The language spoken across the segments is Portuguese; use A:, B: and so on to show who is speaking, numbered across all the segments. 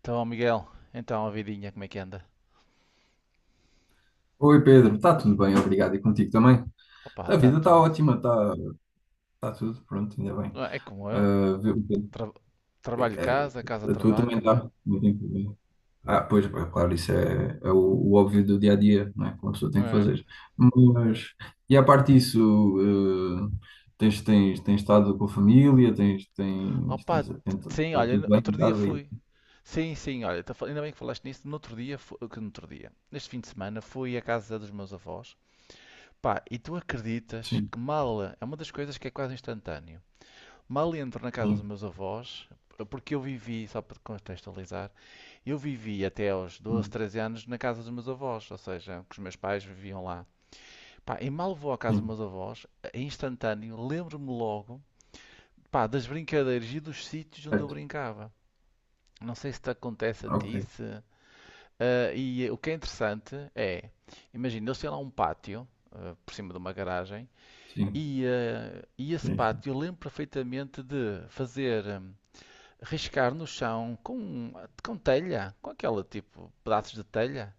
A: Então, Miguel, então a vidinha como é que anda?
B: Oi Pedro, está tudo bem, obrigado. E contigo também?
A: Opa,
B: A
A: está
B: vida está
A: tudo.
B: ótima, está tá tudo pronto, ainda bem.
A: Ah, é como eu,
B: Ah, viu, Pedro,
A: tra- trabalho
B: é,
A: casa, casa
B: a tua também
A: trabalho, não é?
B: está. Ah, pois, pá, claro, isso é o óbvio do dia a dia, não é? Que uma pessoa tem que
A: É.
B: fazer. Mas, e à parte disso, eh, tens estado com a família, tens, tens,
A: Opa,
B: tens,
A: sim,
B: está tudo
A: olha,
B: bem
A: outro
B: em
A: dia
B: casa aí?
A: fui. Sim, sim, olha, ainda bem que falaste nisso. No outro dia, fu- que no outro dia, neste fim de semana, fui à casa dos meus avós. Pá, e tu acreditas
B: Sim,
A: que mal, é uma das coisas que é quase instantâneo. Mal entro na casa dos
B: sim,
A: meus avós, porque eu vivi, só para te contextualizar. Eu vivi até aos 12,
B: hum,
A: 13 anos na casa dos meus avós, ou seja, que os meus pais viviam lá. Pá, e mal vou à casa dos
B: sim,
A: meus avós, em instantâneo, lembro-me logo, pá, das brincadeiras e dos sítios onde eu
B: certo,
A: brincava. Não sei se te acontece a
B: ok,
A: ti, se... Ah, e o que é interessante é, imagina, eles têm lá um pátio, por cima de uma garagem,
B: sim,
A: e esse
B: sim, sim,
A: pátio eu lembro perfeitamente de fazer, riscar no chão com, telha, com aquela tipo, pedaços de telha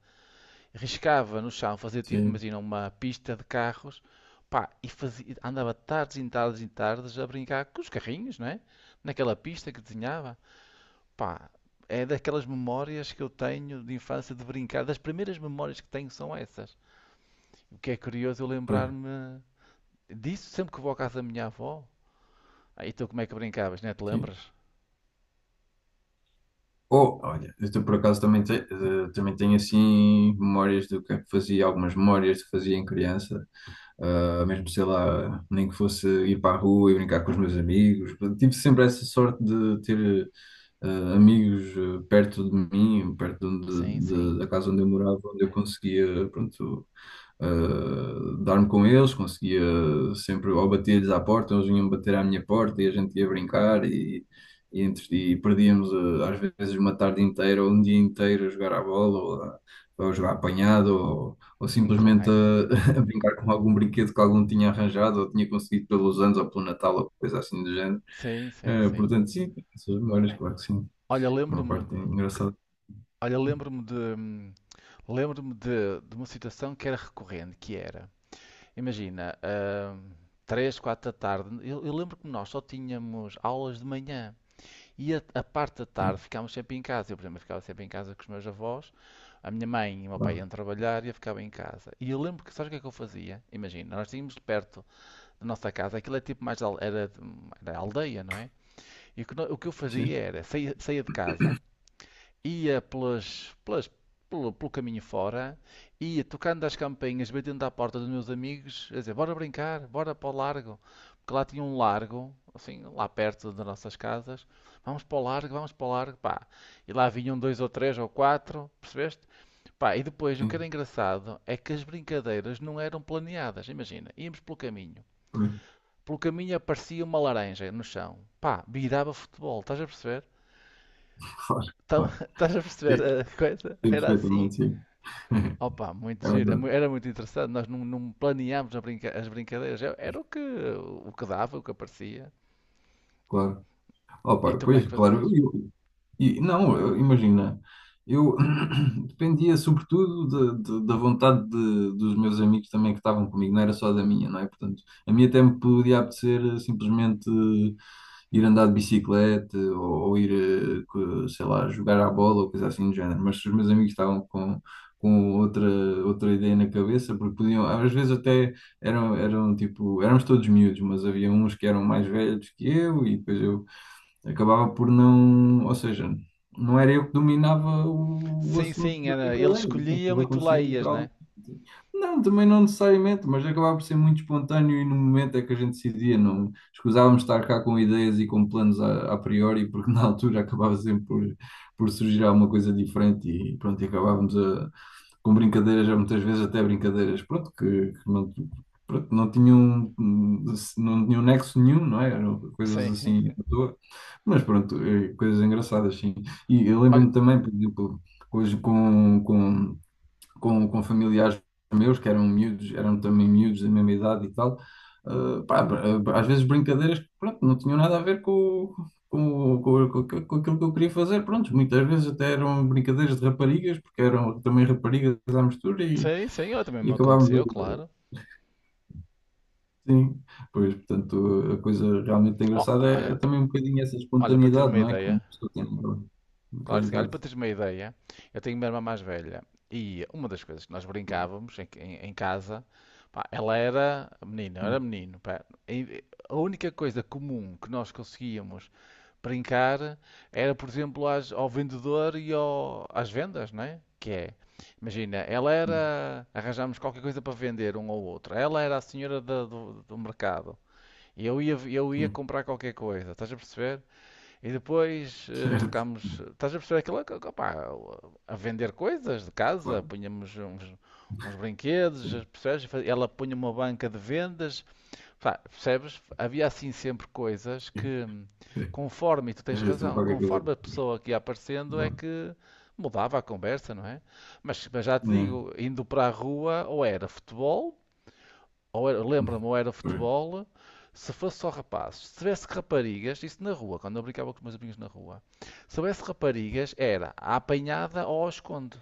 A: riscava no chão, fazia tipo,
B: sim,
A: imagina, uma pista de carros, pá, e fazia, andava tardes e tardes e tardes a brincar com os carrinhos, não é? Naquela pista que desenhava, pá, é daquelas memórias que eu tenho de infância de brincar, das primeiras memórias que tenho são essas. O que é curioso eu
B: pois,
A: lembrar-me disso sempre que vou à casa da minha avó. Aí tu como é que brincavas, não é? Te
B: sim.
A: lembras?
B: Oh, olha, por acaso também, também tenho assim memórias do que é que fazia, algumas memórias que fazia em criança. Ah, mesmo sei lá, nem que fosse ir para a rua e brincar com os meus amigos. Tive sempre essa sorte de ter eh, amigos, perto de mim, perto de,
A: Sim, sim,
B: da casa onde eu morava, onde eu conseguia, pronto, dar-me com eles, conseguia sempre, ou bater-lhes à porta, eles vinham bater à minha porta e a gente ia brincar e, perdíamos, às vezes uma tarde inteira ou um dia inteiro a jogar à bola ou a jogar apanhado ou simplesmente
A: claro.
B: a, a brincar com algum brinquedo que algum tinha arranjado ou tinha conseguido pelos anos ou pelo Natal ou coisa assim do género.
A: Sim, sim, sim.
B: Portanto, sim, essas memórias, claro que sim.
A: Olha,
B: Uma
A: lembro-me,
B: parte engraçada.
A: olha, lembro-me de, lembro-me de, uma situação que era recorrente, que era, imagina, 3, 4 da tarde, eu lembro que nós só tínhamos aulas de manhã e a parte da tarde
B: Sim,
A: ficámos sempre em casa. Eu, por exemplo, ficava sempre em casa com os meus avós, a minha mãe e o meu pai
B: claro.
A: iam trabalhar e eu ficava em casa. E eu lembro que, sabes o que é que eu fazia? Imagina, nós tínhamos perto da nossa casa, aquilo é tipo mais, era, aldeia, não é? E o que, o que eu
B: Sim,
A: fazia era, saía de casa, ia pelo caminho fora, ia tocando as campainhas, batendo à porta dos meus amigos, a dizer, bora brincar, bora para o largo. Porque lá tinha um largo, assim, lá perto das nossas casas. Vamos para o largo, vamos para o largo, pá. E lá vinham dois ou três ou quatro, percebeste? Pá, e depois o que era
B: sim.
A: engraçado é que as brincadeiras não eram planeadas. Imagina, íamos pelo caminho. Pelo caminho aparecia uma laranja no chão. Pá, virava futebol, estás a perceber?
B: Claro, claro.
A: Estás a perceber
B: Sim,
A: a coisa?
B: sim,
A: Era assim.
B: perfeitamente, sim.
A: Opa, muito
B: É
A: giro,
B: verdade,
A: era muito interessante. Nós não planeámos as brincadeiras, era o que dava, o que aparecia.
B: claro. Oh,
A: E
B: pá,
A: tu como é
B: pois,
A: que fazias?
B: claro, não, imagina, eu dependia sobretudo da vontade dos meus amigos também que estavam comigo, não era só da minha, não é? Portanto, a minha até me podia apetecer, simplesmente, ir andar de bicicleta, ou ir, sei lá, jogar à bola ou coisa assim do género, mas se os meus amigos estavam com outra ideia na cabeça, porque podiam, às vezes até eram tipo, éramos todos miúdos, mas havia uns que eram mais velhos que eu e depois eu acabava por não, ou seja, não era eu que dominava o
A: Sim,
B: assunto
A: sim,
B: da
A: era, eles
B: brincadeira, né?
A: escolhiam
B: Aquilo
A: e tu lá
B: acontecia
A: ias, né?
B: naturalmente. Não, também não necessariamente, mas acabava por ser muito espontâneo e no momento é que a gente decidia, não escusávamos estar cá com ideias e com planos a priori, porque na altura acabava sempre por surgir alguma coisa diferente e pronto, e acabávamos a com brincadeiras, já muitas vezes até brincadeiras, pronto, que não, pronto, não tinham, não tinham nexo nenhum, não é? Eram coisas
A: Sim.
B: assim à toa, mas pronto, coisas engraçadas, sim. E eu
A: Olha,
B: lembro-me também, por exemplo, hoje com familiares meus, que eram miúdos, eram também miúdos da mesma idade e tal. Pá, às vezes brincadeiras que pronto, não tinham nada a ver com aquilo que eu queria fazer. Pronto, muitas vezes até eram brincadeiras de raparigas, porque eram também raparigas à mistura e,
A: sim, sim, olha, também
B: e
A: me
B: acabávamos
A: aconteceu,
B: a-
A: claro.
B: sim. Pois, portanto, a coisa realmente
A: Oh,
B: engraçada é,
A: olha,
B: é também um bocadinho essa
A: olha, para teres
B: espontaneidade,
A: uma
B: não é? Como a
A: ideia,
B: pessoa tem naquela
A: claro,
B: naquela
A: que sim. Olha, para
B: idade.
A: teres uma ideia, eu tenho uma irmã mais velha e uma das coisas que nós brincávamos em casa, pá, ela era menina, eu era
B: Sim,
A: menino, pá, e a única coisa comum que nós conseguíamos brincar era, por exemplo, ao vendedor e às vendas, não é? Que é, imagina, ela
B: sim,
A: era, arranjámos qualquer coisa para vender um ao outro, ela era a senhora do, mercado e eu ia
B: sim,
A: comprar qualquer coisa, estás a perceber? E depois
B: certo,
A: trocámos,
B: sim,
A: estás a perceber aquilo, que, pá, a vender coisas de casa,
B: claro,
A: punhamos uns brinquedos,
B: sim,
A: percebes? Ela punha uma banca de vendas. Pá, percebes? Havia assim sempre coisas
B: sim,
A: que,
B: sim.
A: conforme, e tu
B: É
A: tens
B: assim
A: razão,
B: qualquer coisa.
A: conforme a pessoa que ia aparecendo é
B: Bom,
A: que mudava a conversa, não é? Mas já te
B: né?
A: digo, indo para a rua, ou era futebol, ou era, lembra-me, ou era
B: Pois,
A: futebol, se fosse só rapazes. Se tivesse raparigas, isso na rua, quando eu brincava com os meus amigos na rua, se tivesse raparigas, era a apanhada ou ao esconde.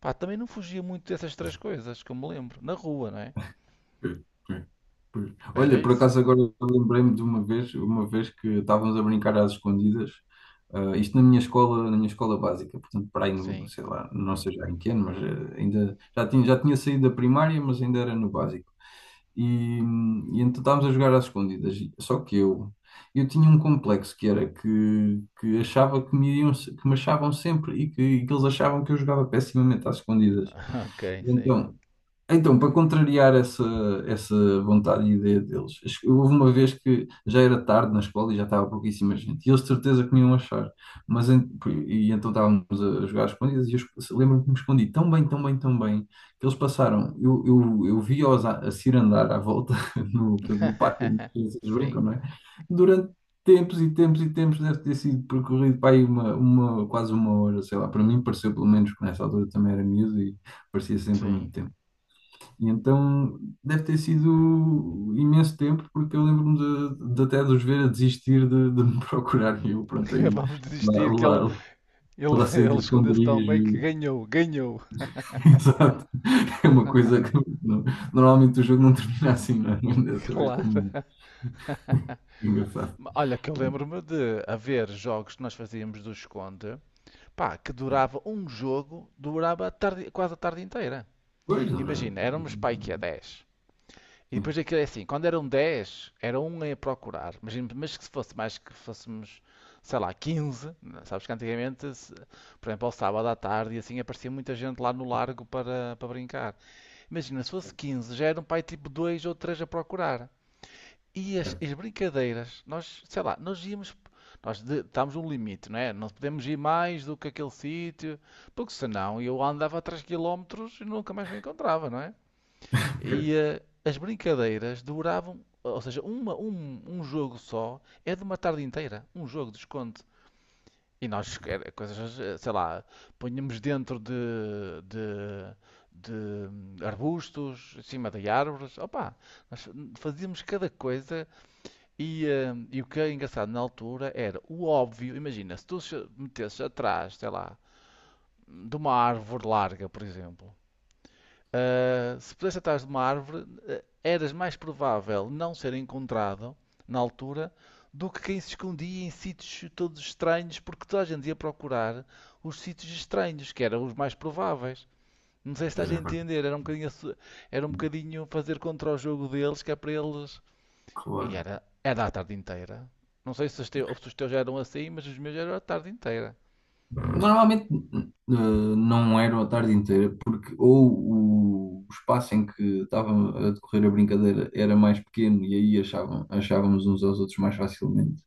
A: Pá, também não fugia muito dessas três coisas, que eu me lembro, na rua, não é?
B: pois, pois, pois.
A: Era
B: Olha, por
A: isso.
B: acaso agora eu lembrei-me de uma vez que estávamos a brincar às escondidas, isto na minha escola básica, portanto, para aí no,
A: Sim,
B: sei lá, não sei já em que ano, mas, ainda já tinha, saído da primária, mas ainda era no básico. E, e então estávamos a jogar às escondidas, só que eu tinha um complexo que era que achava que me, iam, se- que me achavam sempre, e que eles achavam que eu jogava pessimamente às escondidas.
A: ok, sim.
B: Então, para contrariar essa, essa vontade e ideia deles, acho que houve uma vez que já era tarde na escola e já estava pouquíssima gente, e eles de certeza que me iam achar, mas en- e então estávamos a jogar às escondidas, e eu lembro-me que me escondi tão bem, tão bem, tão bem, que eles passaram, eu vi-os a cirandar à volta, no, no parque, onde as crianças
A: Sim,
B: brincam, não é? Durante tempos e tempos e tempos, deve ter sido percorrido para aí quase uma hora, sei lá, para mim pareceu pelo menos, que nessa altura também era miúdo e parecia sempre muito
A: sim.
B: tempo. E então deve ter sido imenso tempo, porque eu lembro-me de até de os ver a desistir de, me procurar. E eu, pronto, aí
A: Vamos
B: lá,
A: desistir que
B: lá,
A: ele,
B: lá saí
A: ele
B: dos
A: escondeu-se tão bem
B: esconderijos.
A: que
B: E-
A: ganhou, ganhou,
B: Exato. É uma coisa que não, normalmente o jogo não termina assim, não é? Mas dessa vez
A: claro.
B: terminou. Engraçado.
A: Olha, que eu lembro-me de haver jogos que nós fazíamos do esconde, pá, que durava um jogo, durava quase a tarde inteira.
B: Pois, Laura.
A: Imagina, éramos pai que é 10. E
B: Sim,
A: depois aquilo é assim, quando eram 10 era um a procurar. Imagina, mas que se fosse mais que fôssemos, sei lá, 15, né? Sabes que antigamente, por exemplo, ao sábado à tarde e assim aparecia muita gente lá no largo para brincar. Imagina, se fosse 15, já eram para aí tipo 2 ou 3 a procurar. E as,
B: certo.
A: as brincadeiras, nós, sei lá, nós íamos, estávamos um limite, não é? Não podemos ir mais do que aquele sítio, porque senão eu andava 3 quilómetros e nunca mais me encontrava, não é?
B: Pois,
A: E as brincadeiras duravam, ou seja, um jogo só é de uma tarde inteira, um jogo de esconde. E nós, era coisas, sei lá, punhamos dentro de- de arbustos, em cima de árvores. Opa, nós fazíamos cada coisa e o que é engraçado na altura era o óbvio. Imagina, se tu se metesses atrás, sei lá, de uma árvore larga, por exemplo. Se pudesse atrás de uma árvore, eras mais provável não ser encontrado na altura do que quem se escondia em sítios todos estranhos, porque toda a gente ia procurar os sítios estranhos, que eram os mais prováveis. Não sei se
B: pois
A: estás a
B: é, agora,
A: entender, era um bocadinho, era um bocadinho fazer contra o jogo deles, que é para eles. E
B: claro.
A: era a tarde inteira. Não sei se se os teus já eram assim, mas os meus já eram a tarde inteira.
B: Normalmente não era a tarde inteira, porque ou o espaço em que estava a decorrer a brincadeira era mais pequeno e aí achavam, achávamos uns aos outros mais facilmente,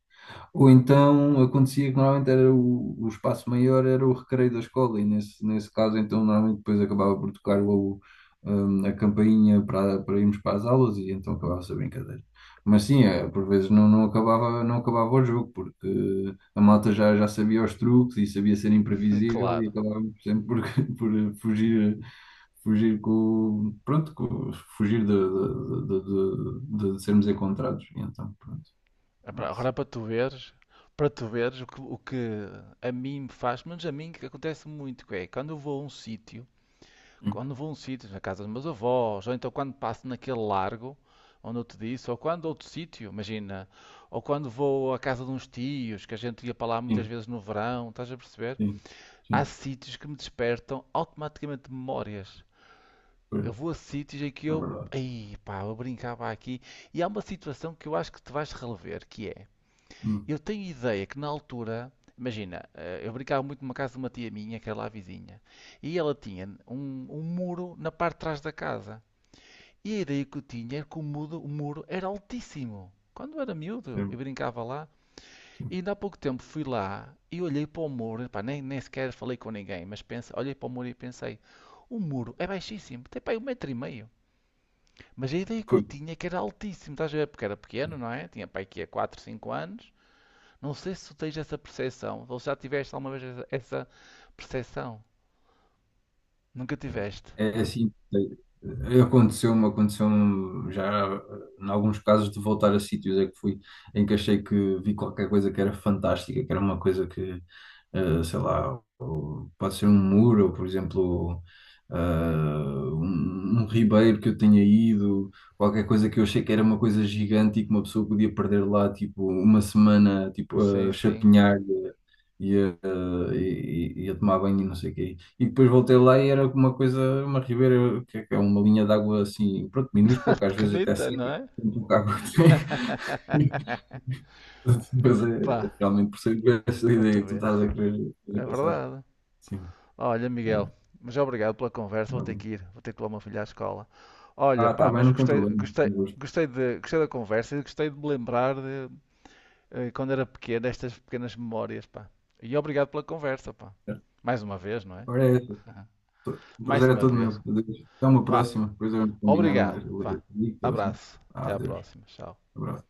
B: ou então acontecia que normalmente era o espaço maior era o recreio da escola, e nesse caso, então, normalmente depois acabava por tocar a campainha para, para irmos para as aulas e então acabava-se a brincadeira. Mas sim, é, por vezes não, não acabava o jogo, porque a malta já sabia os truques e sabia ser imprevisível e
A: Claro.
B: acabávamos sempre por por fugir, fugir de sermos encontrados. E então, pronto.
A: É pá, agora é
B: É
A: para tu veres o que a mim me faz, mas a mim que acontece muito, que é quando eu vou a um sítio, quando vou a um sítio, na casa dos meus avós, ou então quando passo naquele largo, onde eu te disse, ou quando outro sítio, imagina, ou quando vou à casa de uns tios, que a gente ia para lá muitas
B: assim.
A: vezes no verão, estás a perceber?
B: Sim,
A: Há
B: sim,
A: sítios que me despertam automaticamente memórias.
B: pois,
A: Eu vou a sítios em que
B: é
A: eu,
B: verdade.
A: ei pá, eu brincava aqui, e há uma situação que eu acho que te vais relever, que é
B: Hum,
A: eu tenho ideia que na altura, imagina, eu brincava muito numa casa de uma tia minha, que era lá vizinha, e ela tinha um muro na parte de trás da casa. E a ideia que eu tinha era que o muro era altíssimo. Quando eu era miúdo, eu
B: sim,
A: brincava lá,
B: sim.
A: e ainda há pouco tempo fui lá e olhei para o muro, pá, nem sequer falei com ninguém, mas pense, olhei para o muro e pensei, o muro é baixíssimo, tem pá, aí um metro e meio. Mas a ideia que eu
B: Foi,
A: tinha é que era altíssimo, estás a ver? Porque era pequeno, não é? Tinha pá, aqui há 4, 5 anos. Não sei se tu tens essa percepção, ou se já tiveste alguma vez essa percepção. Nunca tiveste?
B: é assim, é, aconteceu-me já, em alguns casos de voltar a sítios é que fui, em que achei que vi qualquer coisa que era fantástica, que era uma coisa que, sei lá, ou pode ser um muro, ou por exemplo, um ribeiro que eu tenha ido, qualquer coisa que eu achei que era uma coisa gigante e que uma pessoa podia perder lá, tipo, uma semana, tipo,
A: Sim,
B: a
A: sim.
B: chapinhar, ia, ia tomar banho e não sei o quê. E depois voltei lá e era uma coisa, uma ribeira, que é uma linha de água assim, pronto, minúscula, que às vezes até
A: Pequenita, não
B: seca,
A: é?
B: com pouca água que tem. Mas
A: Pá,
B: é, realmente percebo essa
A: para
B: ideia
A: tu
B: que tu estás
A: veres.
B: a querer
A: É
B: passar.
A: verdade.
B: Sim.
A: Olha,
B: É,
A: Miguel, mas obrigado pela conversa. Vou
B: tá
A: ter
B: bem.
A: que ir, vou ter que levar o meu filho à escola. Olha,
B: Ah, tá
A: pá,
B: bem,
A: mas
B: não tem
A: gostei,
B: problema. Eu gosto.
A: da conversa e gostei de me lembrar de quando era pequeno, estas pequenas memórias, pá. E obrigado pela conversa, pá.
B: Certo.
A: Mais uma vez, não é?
B: Ora, é, essa. O
A: Mais
B: prazer é
A: uma
B: todo meu.
A: vez.
B: Adeus. Até uma
A: Vá.
B: próxima. Depois vamos combinar
A: Obrigado.
B: mais. Eu
A: Vá.
B: ligo, assim.
A: Abraço.
B: Ah,
A: Até à
B: adeus.
A: próxima. Tchau.
B: Abraço.